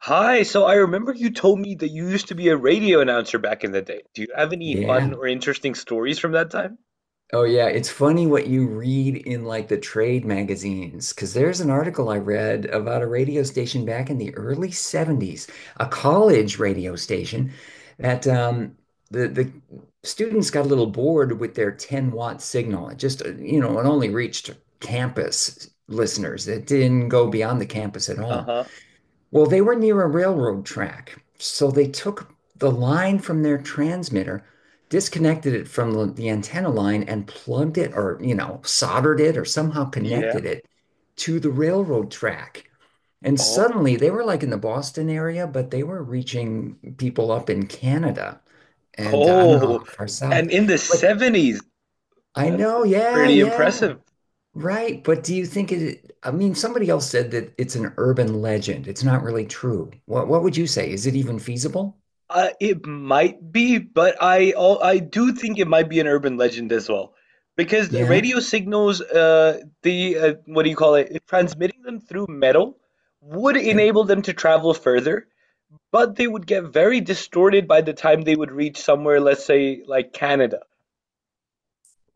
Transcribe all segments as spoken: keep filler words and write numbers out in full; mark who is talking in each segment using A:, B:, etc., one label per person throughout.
A: Hi, so I remember you told me that you used to be a radio announcer back in the day. Do you have any fun
B: Yeah.
A: or interesting stories from that time?
B: Oh, yeah. It's funny what you read in like the trade magazines, because there's an article I read about a radio station back in the early seventies, a college radio station that um, the, the students got a little bored with their ten watt signal. It just, uh, you know, it only reached campus listeners. It didn't go beyond the campus at all.
A: Uh-huh.
B: Well, they were near a railroad track, so they took the line from their transmitter, disconnected it from the, the antenna line, and plugged it or, you know, soldered it or somehow
A: Yeah.
B: connected it to the railroad track. And
A: Oh.
B: suddenly they were like in the Boston area, but they were reaching people up in Canada. And uh, I don't know
A: Oh.
B: how far south,
A: And in the
B: but
A: seventies.
B: I
A: That's
B: know,
A: that's
B: yeah,
A: pretty
B: yeah.
A: impressive.
B: Right, but do you think it, I mean, somebody else said that it's an urban legend. It's not really true. What what would you say? Is it even feasible?
A: Uh, it might be, but I al- I do think it might be an urban legend as well. Because the
B: Yeah,
A: radio signals, uh, the uh, what do you call it? Transmitting them through metal would
B: yeah.
A: enable them to travel further, but they would get very distorted by the time they would reach somewhere, let's say like Canada.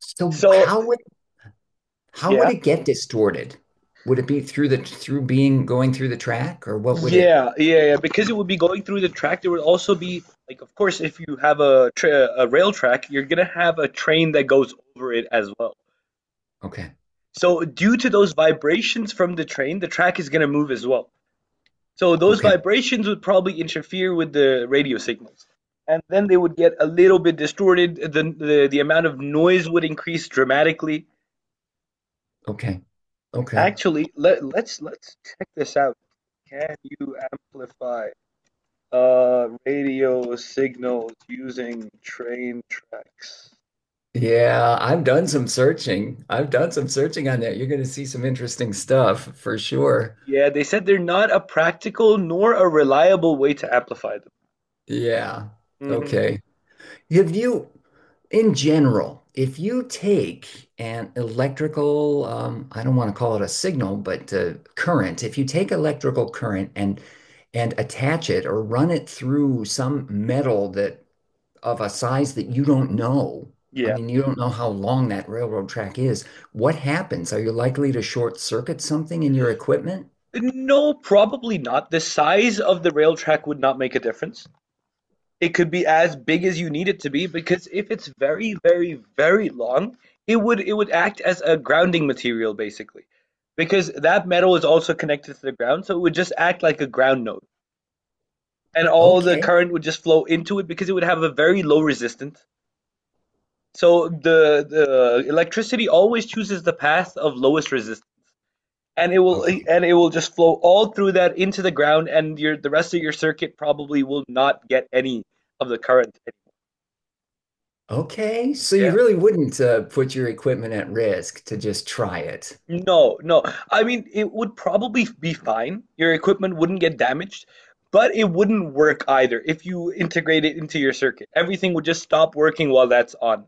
B: So
A: So
B: how would how would
A: yeah,
B: it get distorted? Would it be through the through being going through the track or what would it?
A: yeah, yeah, yeah, because it would be going through the track, there would also be, like, of course, if you have a tra a rail track, you're gonna have a train that goes over it as well.
B: Okay,
A: So due to those vibrations from the train, the track is gonna move as well. So those
B: okay,
A: vibrations would probably interfere with the radio signals. And then they would get a little bit distorted. The the, the amount of noise would increase dramatically.
B: okay, okay.
A: Actually, let let's let's check this out. Can you amplify uh radio signals using train tracks?
B: Yeah, I've done some searching. I've done some searching on that. You're going to see some interesting stuff for sure.
A: Yeah, they said they're not a practical nor a reliable way to amplify
B: Yeah.
A: them. Hmm.
B: Okay. If you, in general, if you take an electrical, um, I don't want to call it a signal, but uh, current, if you take electrical current and and attach it or run it through some metal that of a size that you don't know, I
A: Yeah.
B: mean, you don't know how long that railroad track is, what happens? Are you likely to short circuit something in your equipment?
A: No, probably not. The size of the rail track would not make a difference. It could be as big as you need it to be because if it's very, very, very long, it would it would act as a grounding material basically. Because that metal is also connected to the ground, so it would just act like a ground node. And all the
B: Okay,
A: current would just flow into it because it would have a very low resistance. So the the electricity always chooses the path of lowest resistance. And it will
B: okay,
A: and it will just flow all through that into the ground and your the rest of your circuit probably will not get any of the current.
B: okay. So you
A: Yeah.
B: really wouldn't uh, put your equipment at risk to just try it.
A: No, no. I mean, it would probably be fine. Your equipment wouldn't get damaged, but it wouldn't work either if you integrate it into your circuit. Everything would just stop working while that's on,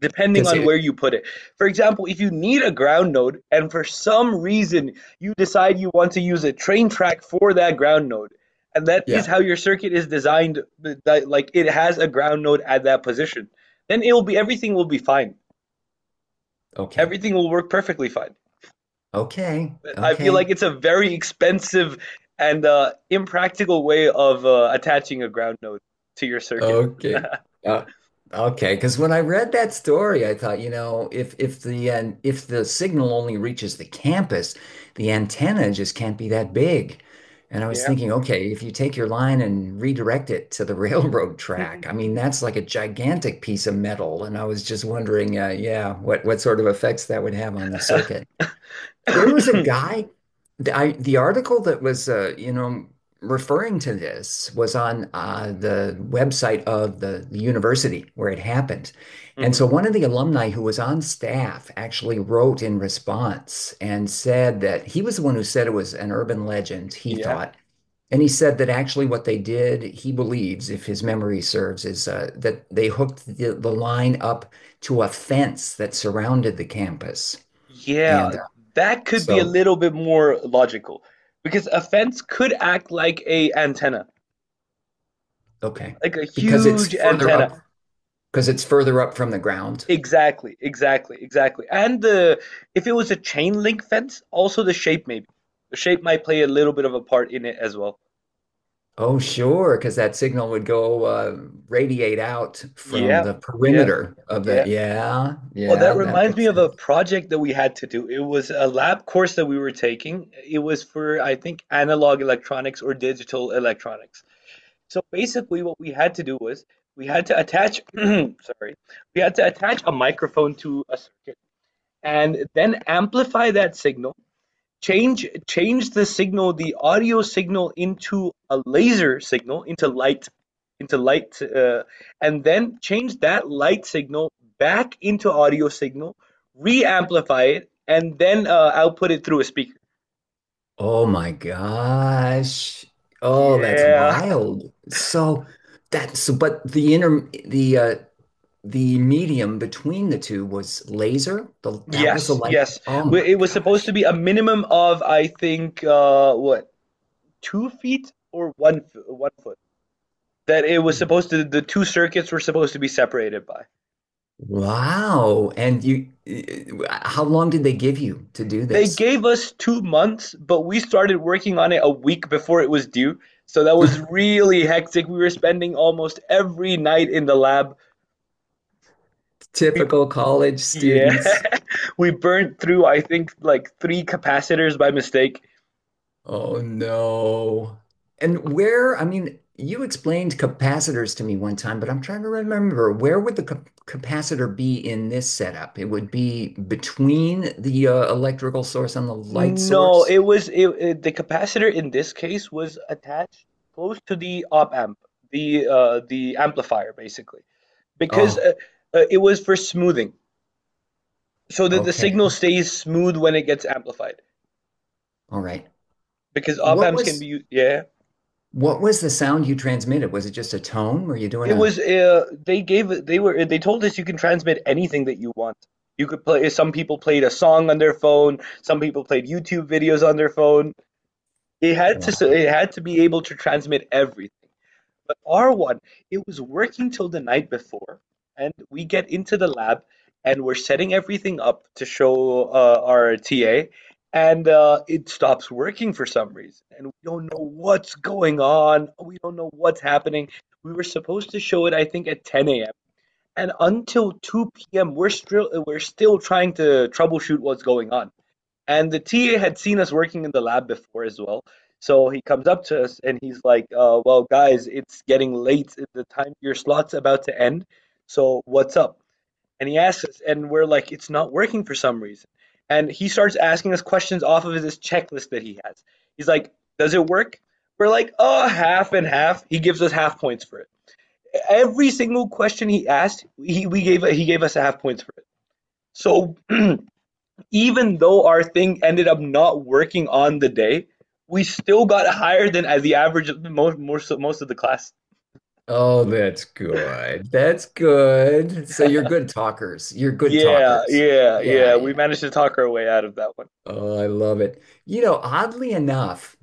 A: depending
B: Because.
A: on where you put it. For example, if you need a ground node and for some reason you decide you want to use a train track for that ground node, and that is
B: Yeah.
A: how your circuit is designed, that like it has a ground node at that position, then it will be everything will be fine.
B: Okay.
A: Everything will work perfectly fine.
B: Okay.
A: I feel
B: Okay.
A: like it's a very expensive and uh, impractical way of uh, attaching a ground node to your circuit.
B: Okay. Uh, okay. Because when I read that story, I thought, you know, if if the an if the signal only reaches the campus, the antenna just can't be that big. And I was
A: Yeah.
B: thinking, okay, if you take your line and redirect it to the railroad track, I mean, that's like a gigantic piece of metal. And I was just wondering, uh, yeah, what what sort of effects that would have on the circuit. There was a guy, the, I, the article that was, uh, you know, referring to this was on uh, the website of the, the university where it happened. And
A: Hmm.
B: so one of the alumni who was on staff actually wrote in response and said that he was the one who said it was an urban legend, he
A: Yeah.
B: thought. And he said that actually what they did, he believes, if his memory serves, is uh, that they hooked the, the line up to a fence that surrounded the campus.
A: Yeah.
B: And uh,
A: That could be a
B: so
A: little bit more logical because a fence could act like a antenna,
B: okay.
A: like a
B: Because
A: huge
B: it's further
A: antenna.
B: up, because it's further up from the ground.
A: Exactly, exactly, exactly. And the, if it was a chain link fence, also the shape maybe. The shape might play a little bit of a part in it as well.
B: Oh, sure, because that signal would go uh, radiate out from
A: Yeah,
B: the
A: yeah,
B: perimeter of the.
A: yeah.
B: Yeah,
A: Oh, that
B: yeah, that
A: reminds me
B: makes
A: of a
B: sense.
A: project that we had to do. It was a lab course that we were taking. It was for, I think, analog electronics or digital electronics. So basically, what we had to do was we had to attach, sorry, we had to attach a microphone to a circuit and then amplify that signal, change change the signal, the audio signal, into a laser signal, into light, into light, uh, and then change that light signal back into audio signal, re-amplify it, and then uh, output it through a speaker.
B: Oh my gosh. Oh, that's
A: Yeah.
B: wild. So that's so, but the inter the uh the medium between the two was laser. The, that was the
A: Yes,
B: light.
A: yes,
B: Oh my
A: it was supposed to
B: gosh.
A: be a minimum of, I think, uh, what two feet or one one foot, that it was supposed to the two circuits were supposed to be separated by.
B: Wow. And you, uh, how long did they give you to do
A: They
B: this?
A: gave us two months, but we started working on it a week before it was due, so that was really hectic. We were spending almost every night in the lab. We
B: Typical college
A: Yeah.
B: students.
A: We burned through, I think, like three capacitors by mistake.
B: Oh no. And where, I mean, you explained capacitors to me one time, but I'm trying to remember where would the cap capacitor be in this setup? It would be between the uh, electrical source and the light
A: No,
B: source.
A: it was it, it the capacitor in this case was attached close to the op amp, the uh the amplifier basically, because
B: Oh,
A: uh, uh, it was for smoothing, so that the signal
B: okay.
A: stays smooth when it gets amplified.
B: All right.
A: Because op
B: What
A: amps can
B: was
A: be u- yeah.
B: what was the sound you transmitted? Was it just a tone? Were you doing
A: It
B: a.
A: was uh, they gave they were they told us you can transmit anything that you want. You could, play some people played a song on their phone, some people played YouTube videos on their phone. It had to it had to be able to transmit everything. But R one, it was working till the night before, and we get into the lab and we're setting everything up to show uh, our T A, and uh, it stops working for some reason. And we don't know what's going on. We don't know what's happening. We were supposed to show it, I think, at ten a m. And until two p m, we're still, we're still trying to troubleshoot what's going on. And the T A had seen us working in the lab before as well. So he comes up to us and he's like, uh, well, guys, it's getting late. The time your slot's about to end. So what's up? And he asks us, and we're like, it's not working for some reason. And he starts asking us questions off of this checklist that he has. He's like, does it work? We're like, oh, half and half. He gives us half points for it. Every single question he asked, he we gave he gave us half points for it. So even though our thing ended up not working on the day, we still got higher than, as the average of, most most of, most of the class.
B: Oh, that's good. That's good. So you're good talkers. You're good
A: Yeah,
B: talkers.
A: yeah, yeah.
B: Yeah,
A: We
B: yeah.
A: managed to talk our way out of that one.
B: Oh, I love it. You know, oddly enough,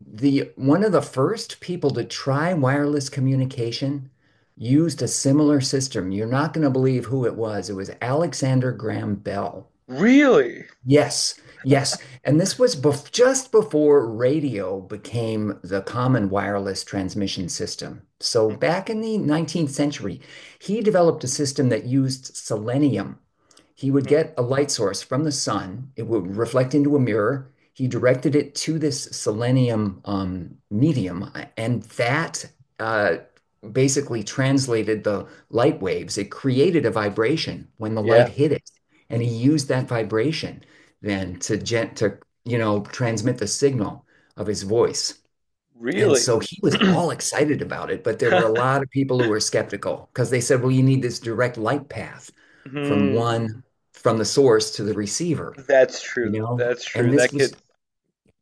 B: the one of the first people to try wireless communication used a similar system. You're not going to believe who it was. It was Alexander Graham Bell.
A: Really?
B: Yes, yes. And this was bef just before radio became the common wireless transmission system. So back in the nineteenth century, he developed a system that used selenium. He would get a light source from the sun, it would reflect into a mirror. He directed it to this selenium um, medium, and that uh, basically translated the light waves. It created a vibration when the light
A: Yeah,
B: hit it, and he used that vibration then to gent to you know transmit the signal of his voice. And
A: really.
B: so he was all excited about it, but there were a lot of people who were skeptical because they said, well, you need this direct light path from
A: Hmm.
B: one from the source to the receiver,
A: That's
B: you
A: true.
B: know?
A: That's true.
B: And this
A: That could.
B: was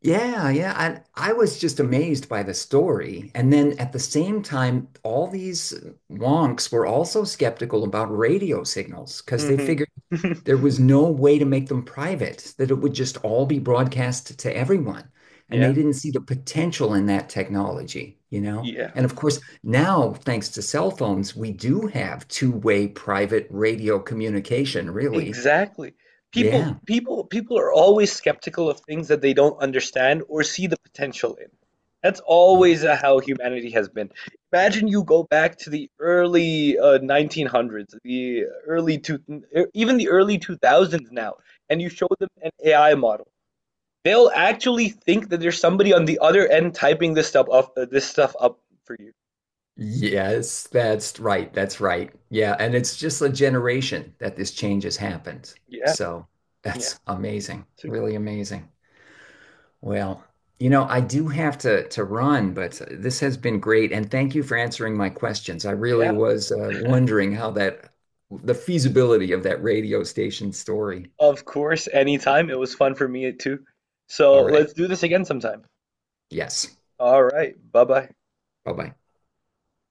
B: yeah, yeah. I I was just amazed by the story. And then at the same time, all these wonks were also skeptical about radio signals because they
A: Hmm.
B: figured there was no way to make them private, that it would just all be broadcast to everyone. And they
A: Yeah,
B: didn't see the potential in that technology, you know?
A: yeah.
B: And of course, now, thanks to cell phones, we do have two-way private radio communication, really.
A: Exactly. People
B: Yeah,
A: people people are always skeptical of things that they don't understand or see the potential in. That's
B: yeah.
A: always uh, how humanity has been. Imagine you go back to the early uh, nineteen hundreds, the early two, er, even the early two thousands now, and you show them an A I model. They'll actually think that there's somebody on the other end typing this stuff up, uh, this stuff up for you.
B: Yes, that's right. That's right. Yeah. And it's just a generation that this change has happened.
A: Yeah,
B: So
A: yeah.
B: that's amazing.
A: So,
B: Really amazing. Well, you know, I do have to to run, but this has been great, and thank you for answering my questions. I really
A: yeah.
B: was uh, wondering how that the feasibility of that radio station story.
A: Of course, anytime. It was fun for me too.
B: All
A: So
B: right.
A: let's do this again sometime.
B: Yes.
A: All right. Bye bye.
B: Bye-bye.